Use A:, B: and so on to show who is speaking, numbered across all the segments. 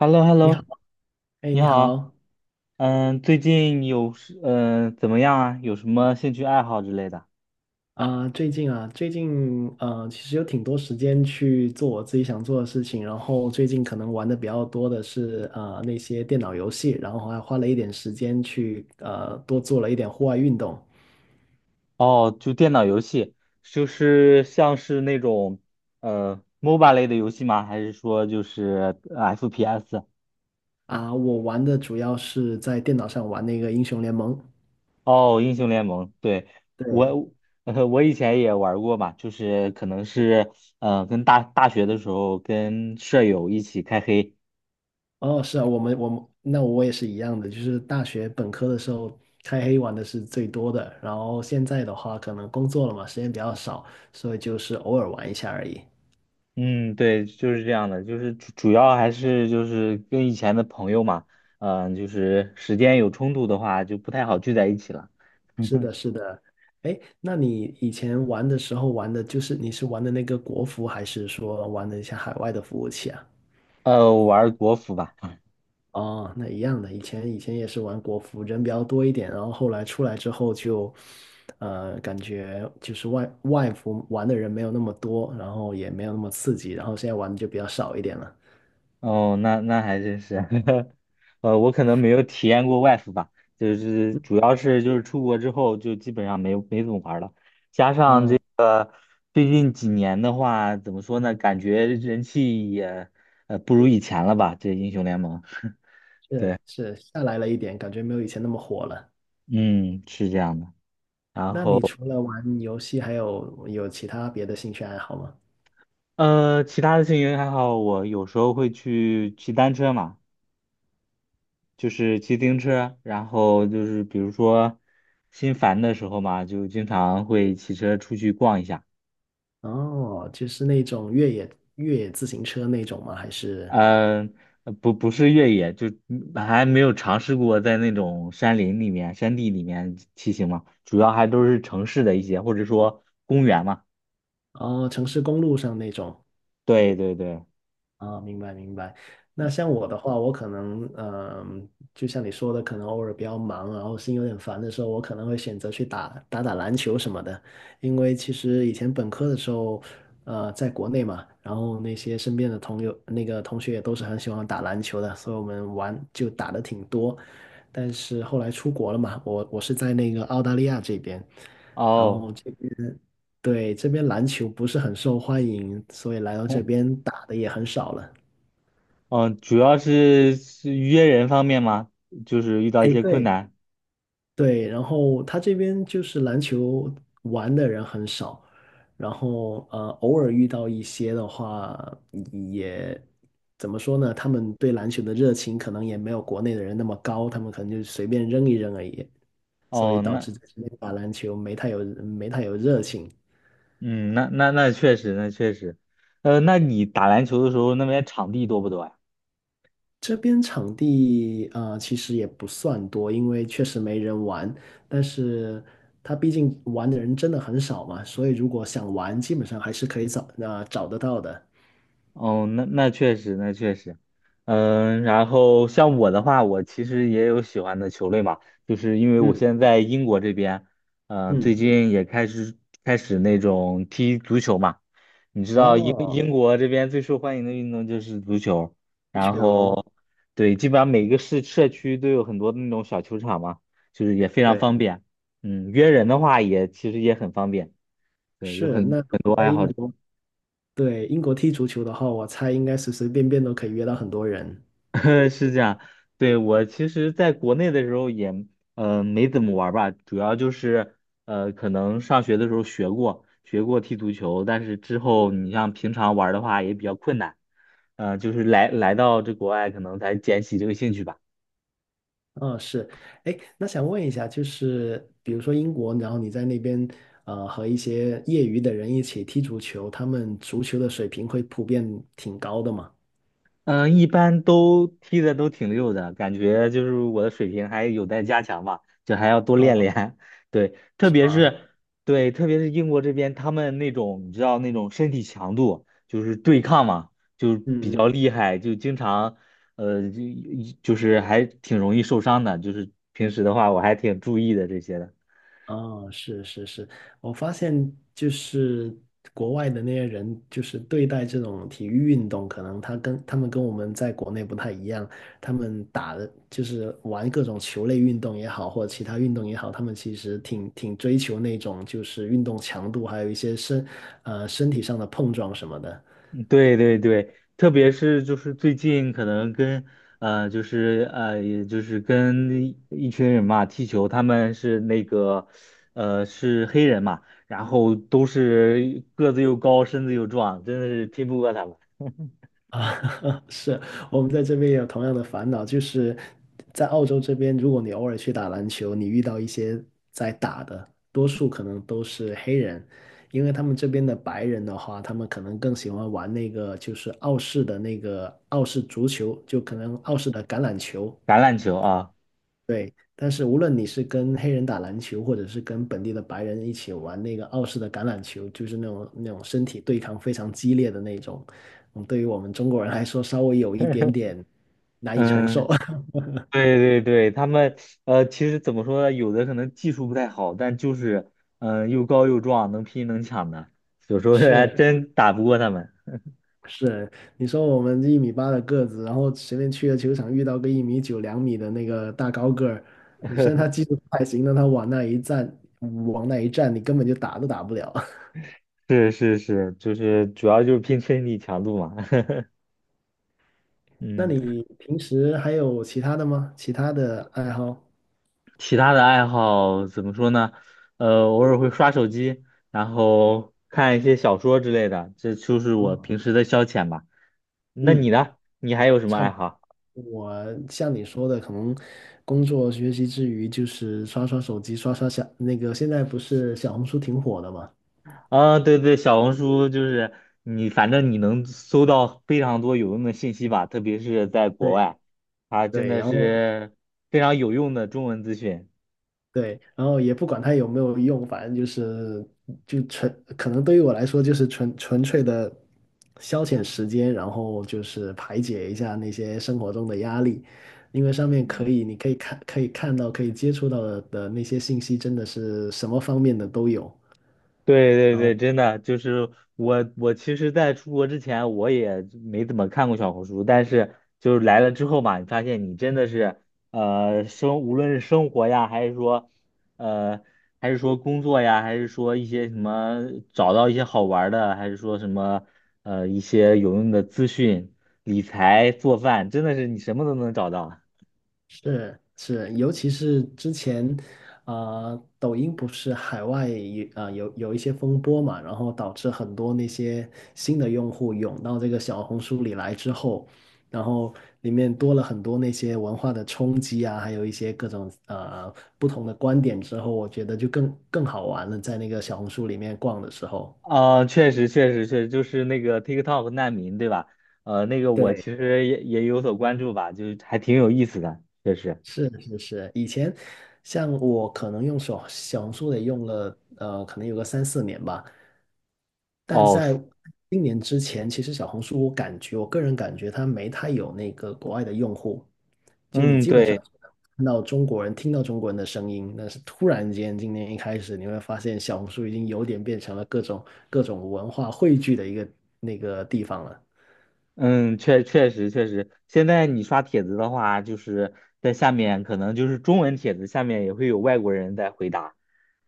A: h e l l o h e l l
B: 你好。
A: o
B: 哎，
A: 你
B: 你
A: 好，
B: 好。
A: 嗯，最近有是嗯、呃怎么样啊？有什么兴趣爱好之类的？
B: 啊，最近啊，最近其实有挺多时间去做我自己想做的事情，然后最近可能玩的比较多的是那些电脑游戏，然后还花了一点时间去多做了一点户外运动。
A: 哦，就电脑游戏，就是像是那种 MOBA 类的游戏吗？还是说就是 FPS？
B: 啊，我玩的主要是在电脑上玩那个英雄联盟。
A: 哦，英雄联盟，对，我
B: 对。
A: 我以前也玩过嘛，就是可能是呃跟大大学的时候跟舍友一起开黑。
B: 哦，是啊，我们我也是一样的，就是大学本科的时候开黑玩的是最多的，然后现在的话可能工作了嘛，时间比较少，所以就是偶尔玩一下而已。
A: 嗯，对，就是这样的，就是主要还是就是跟以前的朋友嘛，就是时间有冲突的话，就不太好聚在一起了。
B: 哎，那你以前玩的时候玩的就是你是玩的那个国服，还是说玩的一些海外的服务器啊？
A: 我玩儿国服吧。
B: 哦，那一样的，以前也是玩国服，人比较多一点，然后后来出来之后就，感觉就是外服玩的人没有那么多，然后也没有那么刺激，然后现在玩的就比较少一点了。
A: 哦，那那还真是。我可能没有体验过外服吧，就是主要是就是出国之后就基本上没怎么玩儿了。
B: 哦，
A: 最近几年的话，怎么说呢？感觉人气也不如以前了吧？这英雄联盟。
B: 是
A: 对，
B: 是，下来了一点，感觉没有以前那么火了。
A: 嗯，是这样的。然
B: 那
A: 后。
B: 你除了玩游戏，还有其他别的兴趣爱好吗？
A: 其他的兴趣还好，我有时候会去骑单车嘛，就是骑自行车，然后就是比如说心烦的时候嘛，就经常会骑车出去逛一下。
B: 哦，就是那种越野自行车那种吗？还是
A: 呃，不是越野，还没有尝试过在那种山林里面、山地里面骑行嘛，主要还都是城市的一些，或者说公园嘛。
B: 哦城市公路上那种？
A: 对对对。
B: 啊，明白明白。那像我的话，我可能，就像你说的，可能偶尔比较忙，然后心有点烦的时候，我可能会选择去打打篮球什么的。因为其实以前本科的时候，在国内嘛，然后那些身边的同友、那个同学也都是很喜欢打篮球的，所以我们玩就打的挺多。但是后来出国了嘛，我是在那个澳大利亚这边，然
A: 哦。
B: 后这边。对，这边篮球不是很受欢迎，所以来到这 边打的也很少了。
A: 嗯，主要是约人方面嘛，就是遇到一
B: 哎，
A: 些困
B: 对
A: 难。
B: 对，然后他这边就是篮球玩的人很少，然后偶尔遇到一些的话，也怎么说呢？他们对篮球的热情可能也没有国内的人那么高，他们可能就随便扔一扔而已，所以
A: 哦，
B: 导
A: 那。
B: 致这边打篮球没太有热情。
A: 嗯，那确实，那确实，那你打篮球的时候，那边场地多不多呀？
B: 这边场地啊、其实也不算多，因为确实没人玩。但是他毕竟玩的人真的很少嘛，所以如果想玩，基本上还是可以找那、找得到的。
A: 哦，那那确实，那确实。嗯，然后像我的话，我其实也有喜欢的球类嘛，就是因为我
B: 嗯
A: 现在在英国这边。最
B: 嗯，
A: 近也开始开始那种踢足球嘛，你知道英
B: 哦，
A: 英国这边最受欢迎的运动就是足球，
B: 足
A: 然
B: 球，
A: 后对，基本上每个市社区都有很多那种小球场嘛，就是也非常
B: 对，
A: 方便。嗯，约人的话也其实也很方便。对，有
B: 是。
A: 很。
B: 那如
A: 很多
B: 果在
A: 爱好
B: 英
A: 者。
B: 国，对，英国踢足球的话，我猜应该随随便便都可以约到很多人。
A: 是这样。对，我其实在国内的时候也，没怎么玩儿吧，主要就是，可能上学的时候学过，学过踢足球，但是之后你像平常玩儿的话也比较困难。就是来到这国外可能才捡起这个兴趣吧。
B: 嗯，是，哎，那想问一下，就是比如说英国，然后你在那边，和一些业余的人一起踢足球，他们足球的水平会普遍挺高的嘛？
A: 嗯，一般都踢的都挺溜的，感觉就是我的水平还有待加强吧，就还要多
B: 啊，
A: 练练。对，特
B: 是
A: 别
B: 吧？
A: 是对，特别是英国这边，他们那种你知道那种身体强度，就是对抗嘛，就比
B: 嗯
A: 较
B: 嗯，
A: 厉害，就经常呃就还挺容易受伤的。就是平时的话，我还挺注意的这些的。
B: 哦，是是是，我发现就是国外的那些人，就是对待这种体育运动，可能他们跟我们在国内不太一样，他们打的就是玩各种球类运动也好，或者其他运动也好，他们其实挺挺追求那种就是运动强度，还有一些身体上的碰撞什么的。
A: 嗯对对对，特别是就是最近可能跟呃就是呃也就是跟一一群人嘛踢球，他们是黑人嘛，然后都是个子又高，身子又壮，真的是拼不过他们。
B: 啊，是，我们在这边也有同样的烦恼，就是在澳洲这边，如果你偶尔去打篮球，你遇到一些在打的，多数可能都是黑人，因为他们这边的白人的话，他们可能更喜欢玩那个就是澳式的那个澳式足球，就可能澳式的橄榄球，
A: 橄榄球啊。
B: 对，但是无论你是跟黑人打篮球，或者是跟本地的白人一起玩那个澳式的橄榄球，就是那种身体对抗非常激烈的那种，嗯，对于我们中国人来说，稍微有一点点难以承受。
A: 嗯，对对对，他们其实怎么说呢，有的可能技术不太好，但就是又高又壮，能拼能抢的，有时候还
B: 是
A: 真打不过他们。
B: 是，你说我们一米八的个子，然后随便去个球场遇到个一米九、两米的那个大高个儿，嗯虽然他技术不太行，但他往那一站，往那一站，你根本就打都打不了。
A: 是是是，就是主要就是拼身体强度嘛。
B: 那
A: 嗯。
B: 你平时还有其他的吗？其他的爱好？
A: 其他的爱好怎么说呢？偶尔会刷手机，然后看一些小说之类的，这就是我
B: 啊，
A: 平时的消遣吧。那
B: 嗯，
A: 你呢？你还有什么
B: 差
A: 爱
B: 不多。
A: 好？
B: 我像你说的，可能工作学习之余，就是刷刷手机，刷刷小那个。现在不是小红书挺火的嘛？
A: 啊，对对，小红书就是你，反正你能搜到非常多有用的信息吧，特别是在国
B: 对
A: 外，它真
B: 对，
A: 的
B: 然后
A: 是非常有用的中文资讯。
B: 对，然后也不管它有没有用，反正就是就纯，可能对于我来说就是纯纯粹的消遣时间，然后就是排解一下那些生活中的压力，因为上面可以，你可以看，可以看到，可以接触到的那些信息，真的是什么方面的都有。
A: 对对
B: 然
A: 对，
B: 后。
A: 真的就是我其实在出国之前我也没怎么看过小红书，但是就是来了之后嘛，你发现你真的是，无论是生活呀，还是说，呃，还是说工作呀，还是说一些什么找到一些好玩儿的，还是说什么，一些有用的资讯、理财、做饭，真的是你什么都能找到。
B: 是是，尤其是之前，啊、抖音不是海外有啊、有有一些风波嘛，然后导致很多那些新的用户涌到这个小红书里来之后，然后里面多了很多那些文化的冲击啊，还有一些各种不同的观点之后，我觉得就更更好玩了，在那个小红书里面逛的时候。
A: 啊，确实，确实，确实，就是那个 TikTok 难民，对吧？那个我
B: 对。
A: 其实也有所关注吧，就是还挺有意思的，确实。
B: 是是是，以前像我可能用手小红书得用了，可能有个三四年吧。但
A: 哦。
B: 在今年之前，其实小红书我感觉，我个人感觉它没太有那个国外的用户，就你
A: 嗯，
B: 基本上
A: 对。
B: 只能看到中国人，听到中国人的声音，但是突然间今年一开始，你会发现小红书已经有点变成了各种文化汇聚的一个那个地方了。
A: 嗯，确实确实，现在你刷帖子的话，就是在下面可能就是中文帖子下面也会有外国人在回答，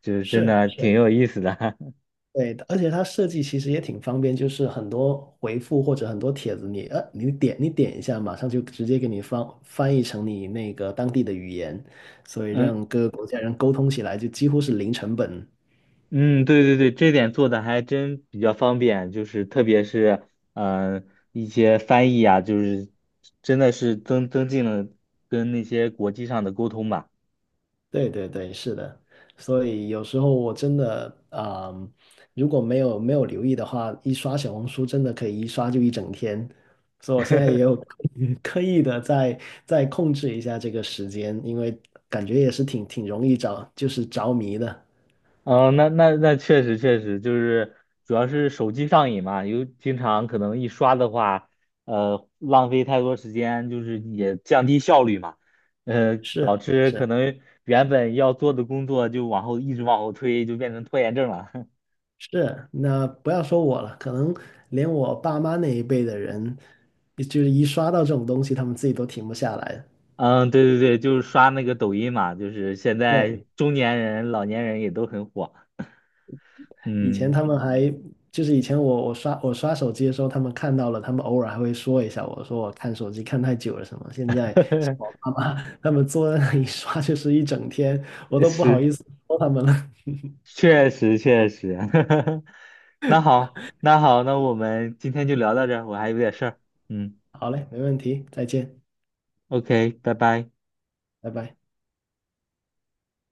A: 就是真
B: 是
A: 的挺
B: 是，
A: 有意思的。
B: 对的而且它设计其实也挺方便，就是很多回复或者很多帖子你，你点你点一下，马上就直接给你翻译成你那个当地的语言，所 以
A: 嗯
B: 让各个国家人沟通起来就几乎是零成本。
A: 嗯，对对对，这点做的还真比较方便，就是特别是嗯、呃一些翻译啊，就是真的是增进了跟那些国际上的沟通吧。
B: 对对对，是的，所以有时候我真的，嗯，如果没有留意的话，一刷小红书真的可以一刷就一整天，所以我现在也有 刻意的在在控制一下这个时间，因为感觉也是挺挺容易着，就是着迷的。
A: 那确实确实，就是主要是手机上瘾嘛，有经常可能一刷的话，浪费太多时间，就是也降低效率嘛，导
B: 是
A: 致可
B: 是
A: 能原本要做的工作就往后一直往后推，就变成拖延症了。
B: 是，那不要说我了，可能连我爸妈那一辈的人，就是一刷到这种东西，他们自己都停不下来。
A: 嗯，对对对，就是刷那个抖音嘛，就是现在
B: 对。
A: 中年人、老年人也都很火。
B: 以前
A: 嗯。
B: 他们还就是以前我刷手机的时候，他们看到了，他们偶尔还会说一下我，说我看手机看太久了什么。现在像我 爸妈他们坐在那里刷就是一整天，我都不好
A: 是，
B: 意思说他们了。
A: 确实确实。那好，那好，那我们今天就聊到这儿，我还有点事儿。嗯
B: 好嘞，没问题，再见，
A: ，OK，拜拜。
B: 拜拜。